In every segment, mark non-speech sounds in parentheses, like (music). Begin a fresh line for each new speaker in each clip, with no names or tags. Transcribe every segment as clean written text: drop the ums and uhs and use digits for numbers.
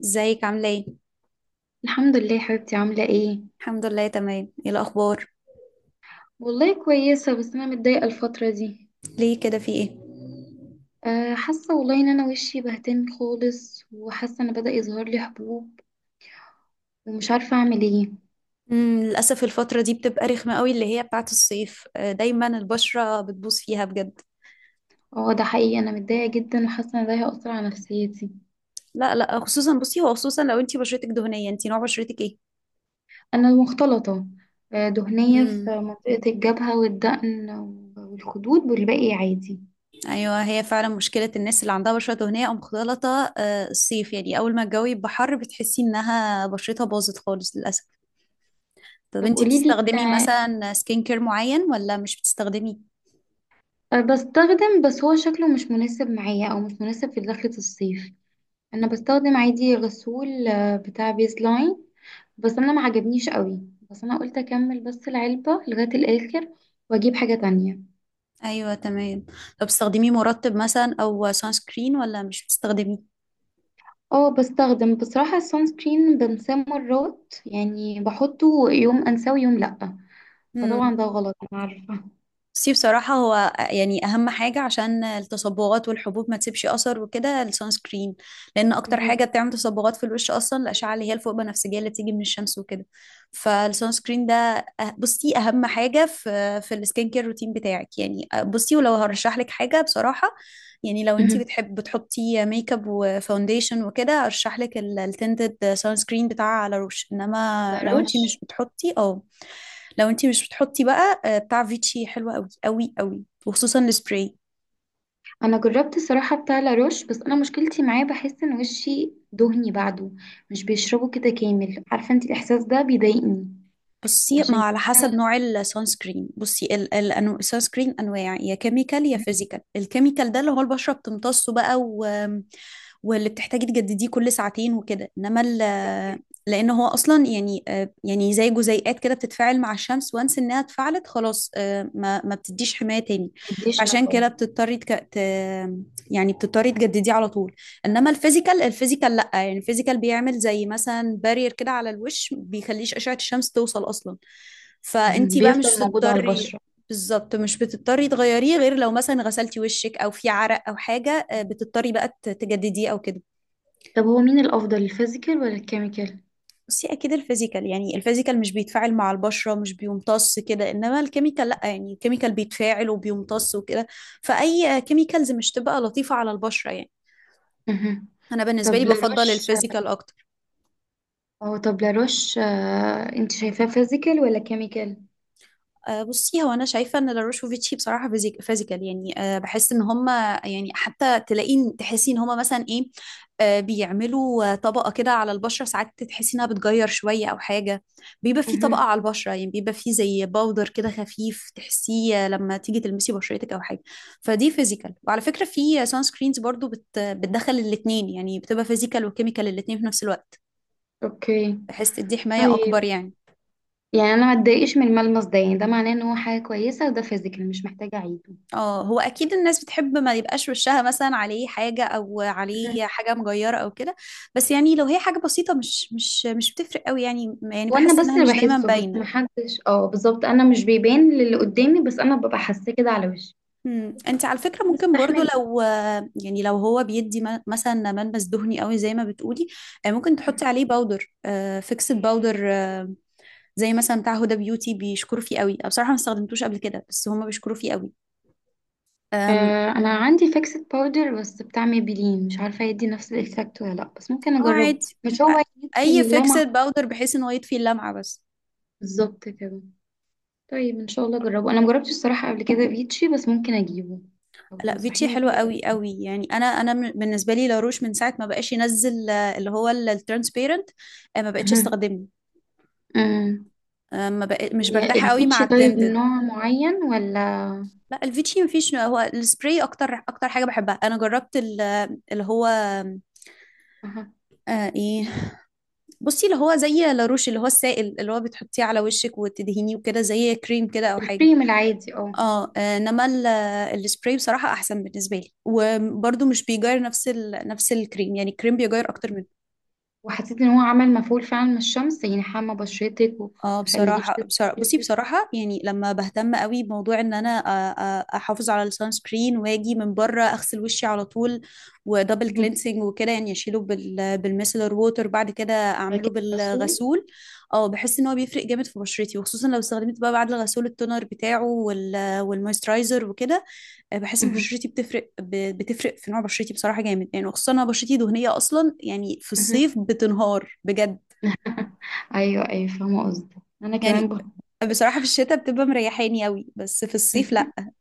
ازيك عاملة ايه؟
الحمد لله يا حبيبتي، عاملة ايه؟
الحمد لله تمام ايه الأخبار؟
والله كويسة، بس أنا متضايقة الفترة دي.
ليه كده في ايه؟
حاسة والله إن أنا وشي بهتان خالص وحاسة إن بدأ يظهر لي حبوب. ومش عارفة أعمل ايه.
للأسف الفترة دي بتبقى رخمة قوي اللي هي بتاعت الصيف، دايما البشرة بتبوظ فيها بجد.
اه، ده حقيقي، أنا متضايقة جدا وحاسة إن ده هيأثر على نفسيتي.
لا لا، خصوصا بصي، هو خصوصا لو انتي بشرتك دهنية. انتي نوع بشرتك ايه؟
أنا مختلطة. دهنية في
مم.
منطقة الجبهة والدقن والخدود، والباقي عادي.
ايوه، هي فعلا مشكلة الناس اللي عندها بشرة دهنية او مختلطة، الصيف، يعني اول ما الجو يبقى حر بتحسي انها بشرتها باظت خالص للأسف. طب
طب
انتي
قوليلي.
بتستخدمي مثلا سكين كير معين ولا مش بتستخدمي؟
بستخدم، بس هو شكله مش مناسب معايا أو مش مناسب في دخلة الصيف. أنا بستخدم عادي غسول بتاع بيز لاين. بس انا ما عجبنيش قوي. بس انا قلت اكمل بس العلبة لغاية الاخر واجيب حاجة تانية.
ايوه تمام. طب بتستخدمي مرطب مثلا او سان سكرين ولا مش بتستخدميه؟
اه، بستخدم، بصراحة السون سكرين بنساه مرات، يعني بحطه يوم انساه ويوم لأ. فطبعا ده غلط، انا عارفة. (laughs)
بصي بصراحة، هو يعني أهم حاجة عشان التصبغات والحبوب ما تسيبش أثر وكده السان سكرين. لأن أكتر
مهم.
حاجة بتعمل تصبغات في الوش أصلا الأشعة اللي هي الفوق بنفسجية اللي بتيجي من الشمس وكده. فالسان سكرين ده بصي أهم حاجة في السكين كير روتين بتاعك، يعني بصي، ولو هرشح لك حاجة بصراحة، يعني لو أنت
مهم.
بتحب بتحطي ميك اب وفاونديشن وكده أرشح لك التنتد سان سكرين بتاع على روش، إنما لو أنت
لاروش.
مش بتحطي أو لو انتي مش بتحطي بقى، بتاع فيتشي حلو قوي قوي قوي، وخصوصا السبراي.
انا جربت الصراحة بتاع لاروش، بس انا مشكلتي معاه بحس ان وشي دهني بعده. مش بيشربه كده كامل، عارفة انت. الاحساس ده بيضايقني.
بصي ما هو
عشان
على حسب نوع السان سكرين. بصي، السان سكرين انواع، يا كيميكال يا فيزيكال. الكيميكال ده اللي هو البشره بتمتصه بقى، واللي بتحتاجي تجدديه كل ساعتين وكده، انما لان هو اصلا، يعني يعني زي جزيئات كده بتتفاعل مع الشمس، وانس انها اتفعلت خلاص، ما بتديش حمايه تاني.
مديش
فعشان كده
مفعول.
بتضطري يعني بتضطري تجدديه على طول. انما الفيزيكال، الفيزيكال لا، يعني الفيزيكال بيعمل زي مثلا بارير كده على الوش، بيخليش اشعة الشمس توصل اصلا.
(laughs) مهم.
فانتي بقى
بيفضل
مش
موجود على
بتضطري.
البشرة.
بالظبط، مش بتضطري تغيريه، غير لو مثلا غسلتي وشك او في عرق او حاجة، بتضطري بقى تجدديه او كده.
طب هو مين الافضل، الفيزيكال ولا الكيميكال؟
بس هي اكيد الفيزيكال، يعني الفيزيكال مش بيتفاعل مع البشرة، مش بيمتص كده، انما الكيميكال لا، يعني الكيميكال بيتفاعل وبيمتص وكده. فاي كيميكالز مش تبقى لطيفة على البشرة يعني.
مهم.
انا بالنسبة لي
طب
بفضل
لاروش.
الفيزيكال اكتر.
او طب لاروش، انت شايفاه فيزيكال ولا كيميكال؟
بصي هو انا شايفه ان لاروشوفيتشي بصراحه فيزيكال، يعني بحس ان هم، يعني حتى تلاقين تحسي ان هم مثلا ايه، بيعملوا طبقه كده على البشره، ساعات تحسي انها بتغير شويه او حاجه. بيبقى في طبقه
مهم.
على البشره، يعني بيبقى في زي باودر كده خفيف تحسيه، لما تيجي تلمسي بشرتك او حاجه. فدي فيزيكال، وعلى فكره في سان سكرينز برضو بتدخل الاثنين، يعني بتبقى فيزيكال وكيميكال الاثنين في نفس الوقت،
اوكي.
بحيث تدي حمايه اكبر
طيب.
يعني.
يعني انا ما اتضايقش من الملمس ده، يعني ده معناه ان هو حاجه كويسه وده فيزيكال، مش محتاجه اعيده.
اه، هو اكيد الناس بتحب ما يبقاش وشها مثلا عليه حاجه او
مهم.
عليه حاجه مجيره او كده. بس يعني لو هي حاجه بسيطه، مش بتفرق قوي يعني، يعني
وانا
بحس
بس
انها
اللي
مش دايما
بحسه، بس ما
باينه.
حدش، اه بالظبط، انا مش بيبان للي قدامي، بس انا ببقى حاساه كده على وشي.
انت على فكره ممكن برضو
بستحمله.
لو، يعني لو هو بيدي مثلا ملمس دهني قوي زي ما بتقولي، ممكن تحطي عليه باودر، فيكسد باودر، زي مثلا بتاع هدى بيوتي، بيشكروا فيه قوي. أنا بصراحه ما استخدمتوش قبل كده، بس هما بيشكروا فيه قوي. أم،
انا عندي فيكسد باودر بس بتاع ميبلين، مش عارفه يدي نفس الايفكت ولا لا، بس ممكن
اه
اجربه،
عادي.
مش
أ-
هو يدفي
اي
اللمعه.
فيكسد باودر بحيث ان هو يطفي اللمعه بس.
بالظبط كده. طيب ان شاء الله اجربه، انا مجربتش الصراحه قبل كده فيتشي، بس ممكن اجيبه. لو
لا، فيتشي
تنصحيني
حلوة
بيه يبقى.
قوي قوي، يعني انا انا بالنسبه لي لاروش من ساعه ما بقاش ينزل، اللي هو الترانسبيرنت، ما بقتش
أها.
استخدمه.
أمم.
آه، ما بق... مش برتاحه قوي مع
الفيتشي طيب
التنتد.
نوع معين ولا؟
لا، الفيتشي مفيش، هو السبراي اكتر اكتر حاجه بحبها. انا جربت اللي هو،
أها.
آه ايه بصي اللي هو زي لاروش، اللي هو السائل اللي هو بتحطيه على وشك وتدهنيه وكده، زي كريم كده او حاجه.
الكريم العادي، اه.
انما السبراي بصراحه احسن بالنسبه لي. وبرده مش بيغير نفس نفس الكريم، يعني الكريم بيغير اكتر من.
وحسيت ان هو عمل مفعول فعلا من الشمس، يعني حمى بشرتك وما. خليكيش تسخني وكده.
بصراحة يعني لما بهتم قوي بموضوع ان انا احافظ على السان سكرين، واجي من بره اغسل وشي على طول ودبل
أها.
كلينسنج وكده، يعني اشيله بالميسلر ووتر، بعد كده اعمله
فكان مسؤول.
بالغسول. اه بحس ان هو بيفرق جامد في بشرتي، وخصوصا لو استخدمت بقى بعد الغسول التونر بتاعه وال والمويسترايزر وكده. بحس ان
أها.
بشرتي بتفرق، بتفرق في نوع بشرتي بصراحة جامد يعني، وخصوصا انا بشرتي دهنية اصلا، يعني في
أها.
الصيف بتنهار بجد
ايوه ايوه، فاهمه قصدك. انا كمان
يعني.
بقى.
بصراحة في الشتاء بتبقى مريحاني قوي، بس في الصيف
(laughs)
لا.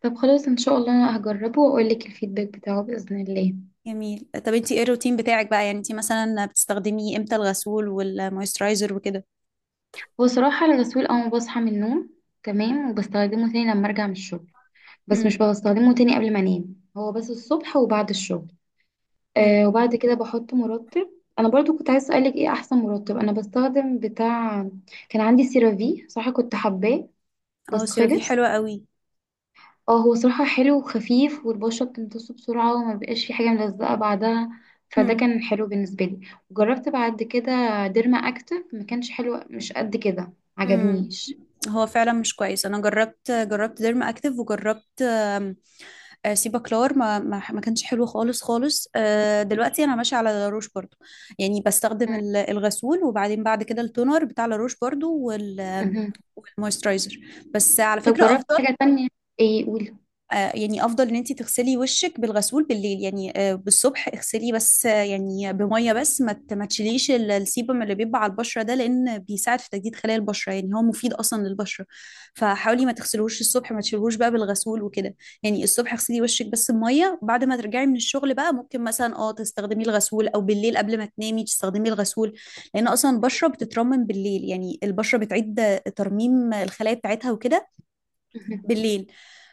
طب خلاص ان شاء الله انا هجربه واقول لك الفيدباك بتاعه باذن الله.
جميل. طب انتي ايه الروتين بتاعك بقى؟ يعني انتي مثلا بتستخدمي امتى الغسول والمويسترايزر وكده؟
وصراحة الغسول أول ما بصحى من النوم. تمام، وبستخدمه تاني لما أرجع من الشغل. بس مش
امم.
بستخدمه تاني قبل ما أنام، هو بس الصبح وبعد الشغل.
امم.
وبعد كده بحط مرطب. أنا برضو كنت عايز أسألك إيه أحسن مرطب. أنا بستخدم بتاع. كان عندي سيرافي، صراحة كنت حباه،
اه،
بس
سيرافي
خلص.
حلوة قوي.
اه، هو صراحة حلو وخفيف، والبشرة بتمتصه بسرعة وما بقاش في حاجة ملزقة بعدها. فده
امم.
كان حلو بالنسبة لي. وجربت بعد كده ديرما أكتف، ما كانش حلو، مش قد كده.
امم.
عجبنيش.
هو فعلا مش كويس. انا جربت ديرما اكتف، وجربت سيبا كلار، ما كانش حلو خالص خالص. دلوقتي انا ماشيه على لاروش برضو، يعني بستخدم الغسول، وبعدين بعد كده التونر بتاع لاروش برضو، وال
(laughs)
والمويسترايزر. بس على
طب
فكره
جربت
افضل.
حاجة تانية؟ ايه، قولي.
يعني افضل ان انت تغسلي وشك بالغسول بالليل، يعني بالصبح اغسليه بس يعني بميه بس، ما تشيليش السيبم اللي بيبقى على البشره ده، لان بيساعد في تجديد خلايا البشره، يعني هو مفيد اصلا للبشره. فحاولي ما تغسلوش الصبح، ما تشيلوش بقى بالغسول وكده. يعني الصبح اغسلي وشك بس بميه، بعد ما ترجعي من الشغل بقى ممكن مثلا اه تستخدمي الغسول، او بالليل قبل ما تنامي تستخدمي الغسول. لان اصلا البشره بتترمم بالليل، يعني البشره بتعيد ترميم الخلايا بتاعتها وكده
مهم.
بالليل.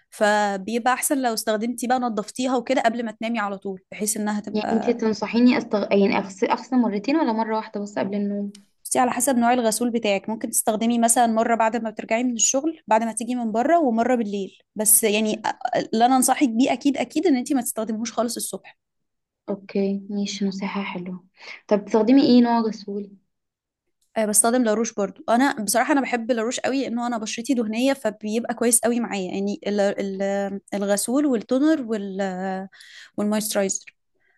فبيبقى احسن لو استخدمتي بقى نظفتيها وكده قبل ما تنامي على طول، بحيث انها
يعني انتي
تبقى.
تنصحيني يعني اغسل مرتين ولا مرة واحدة بس قبل النوم؟
بصي على حسب نوع الغسول بتاعك، ممكن تستخدمي مثلا مرة بعد ما بترجعي من الشغل، بعد ما تيجي من بره، ومرة بالليل بس، يعني اللي انا انصحك بيه اكيد اكيد ان انت ما تستخدمهوش خالص الصبح.
اوكي، ماشي، نصيحة حلوة. طب بتستخدمي ايه نوع غسول؟
بستخدم لاروش برضو. انا بصراحه انا بحب لاروش قوي، انه انا بشرتي دهنيه، فبيبقى كويس قوي معايا يعني، الغسول والتونر وال والمويسترايزر.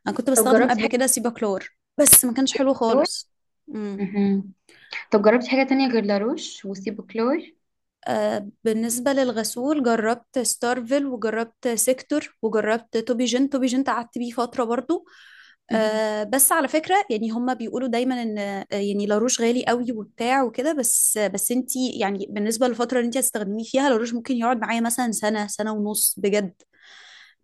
انا كنت
طب
بستخدم
جربتي
قبل
حاجة.
كده سيباكلور، بس ما كانش حلو
كلور.
خالص. امم
مهم. طب جربتي حاجة تانية غير لاروش وسيبو كلور؟
بالنسبة للغسول جربت ستارفل، وجربت سيكتور، وجربت توبي جين. توبي جين قعدت بيه فترة برضو.
مهم.
بس على فكرة، يعني هما بيقولوا دايما ان يعني لاروش غالي قوي وبتاع وكده. بس انتي يعني بالنسبة للفترة اللي انتي هتستخدميه فيها لاروش، ممكن يقعد معايا مثلا سنة سنة ونص بجد.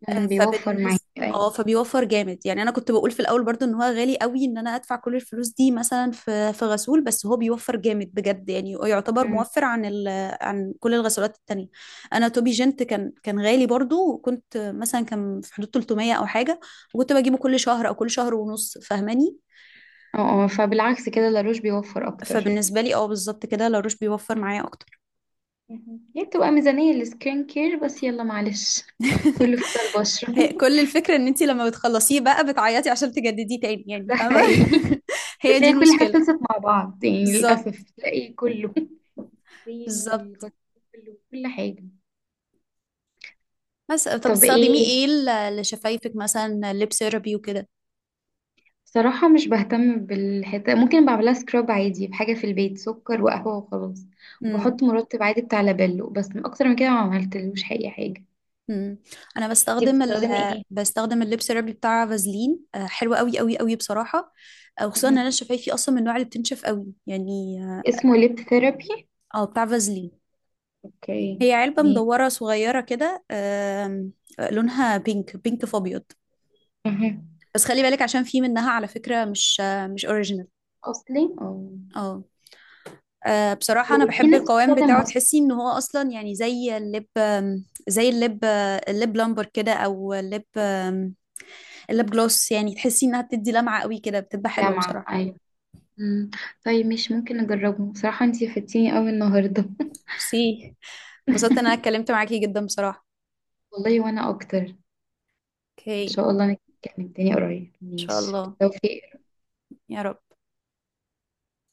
مم، بيوفر معاكي،
فبالنسبة، اه
ايوه.
فبيوفر جامد يعني. انا كنت بقول في الاول برضو ان هو غالي قوي، ان انا ادفع كل الفلوس دي مثلا في غسول، بس هو بيوفر جامد بجد، يعني يعتبر
مم.
موفر عن عن كل الغسولات التانية. انا توبي جنت كان غالي برضو، وكنت مثلا كان في حدود 300 او حاجة، وكنت بجيبه كل شهر او كل شهر ونص، فاهماني.
اه، اه، فبالعكس كده لاروش بيوفر اكتر.
فبالنسبة لي اه بالظبط كده لاروش بيوفر معايا اكتر.
مهم. هي بتبقى ميزانية للسكين كير، بس يلا معلش. كله في
(laughs)
البشرة.
هي
(laughs)
كل الفكرة ان انت لما بتخلصيه بقى بتعيطي عشان تجدديه تاني، يعني
ده
فاهمة.
حقيقي.
(laughs) هي دي
وتلاقي كل حاجة
المشكلة.
خلصت مع بعض، يعني
بالظبط
للأسف تلاقي كله، الكريم
بالظبط.
والغسيل وكل حاجة.
بس طب
طب
بتستخدميه
ايه؟
ايه لشفايفك مثلا، ليب سيرابي وكده؟
صراحة مش بهتم بالحتة، ممكن بعملها سكراب عادي بحاجة في البيت، سكر وقهوة وخلاص.
امم.
وبحط مرطب عادي بتاع لابيلو، بس من أكتر من كده ما عملتلوش أي حاجة.
امم. انا
انتي
بستخدم ال
بتستخدمي ايه؟
بستخدم الليب سيرابي بتاع فازلين، حلو قوي قوي قوي بصراحه. وخصوصا ان انا
مهم.
شفايفي اصلا من النوع اللي بتنشف قوي يعني.
اسمه ليب ثيرابي.
بتاع فازلين.
اوكي.
هي علبه
مين؟
مدوره صغيره كده، آم، آه، لونها بينك بينك في ابيض.
مهم.
بس خلي بالك، عشان في منها على فكره مش، مش اوريجينال.
اصلي، اه.
اه بصراحة أنا
وفي
بحب
ناس
القوام
بتستخدم
بتاعه،
ماسك.
تحسي إن هو أصلا يعني زي اللب، زي اللب، اللب لامبر كده، أو اللب اللب جلوس، يعني تحسي إنها بتدي لمعة قوي كده، بتبقى حلوة
لمعة،
بصراحة.
ايوه. مم. طيب، مش ممكن اجربه بصراحة، انتي فدتيني قوي النهاردة. (laughs)
ميرسي. انبسطت إن أنا اتكلمت معاكي جدا بصراحة.
والله وانا اكتر. ان
أوكي.
شاء الله. نتكلم تاني قريب،
إن شاء
ماشي،
الله.
بالتوفيق.
يا رب.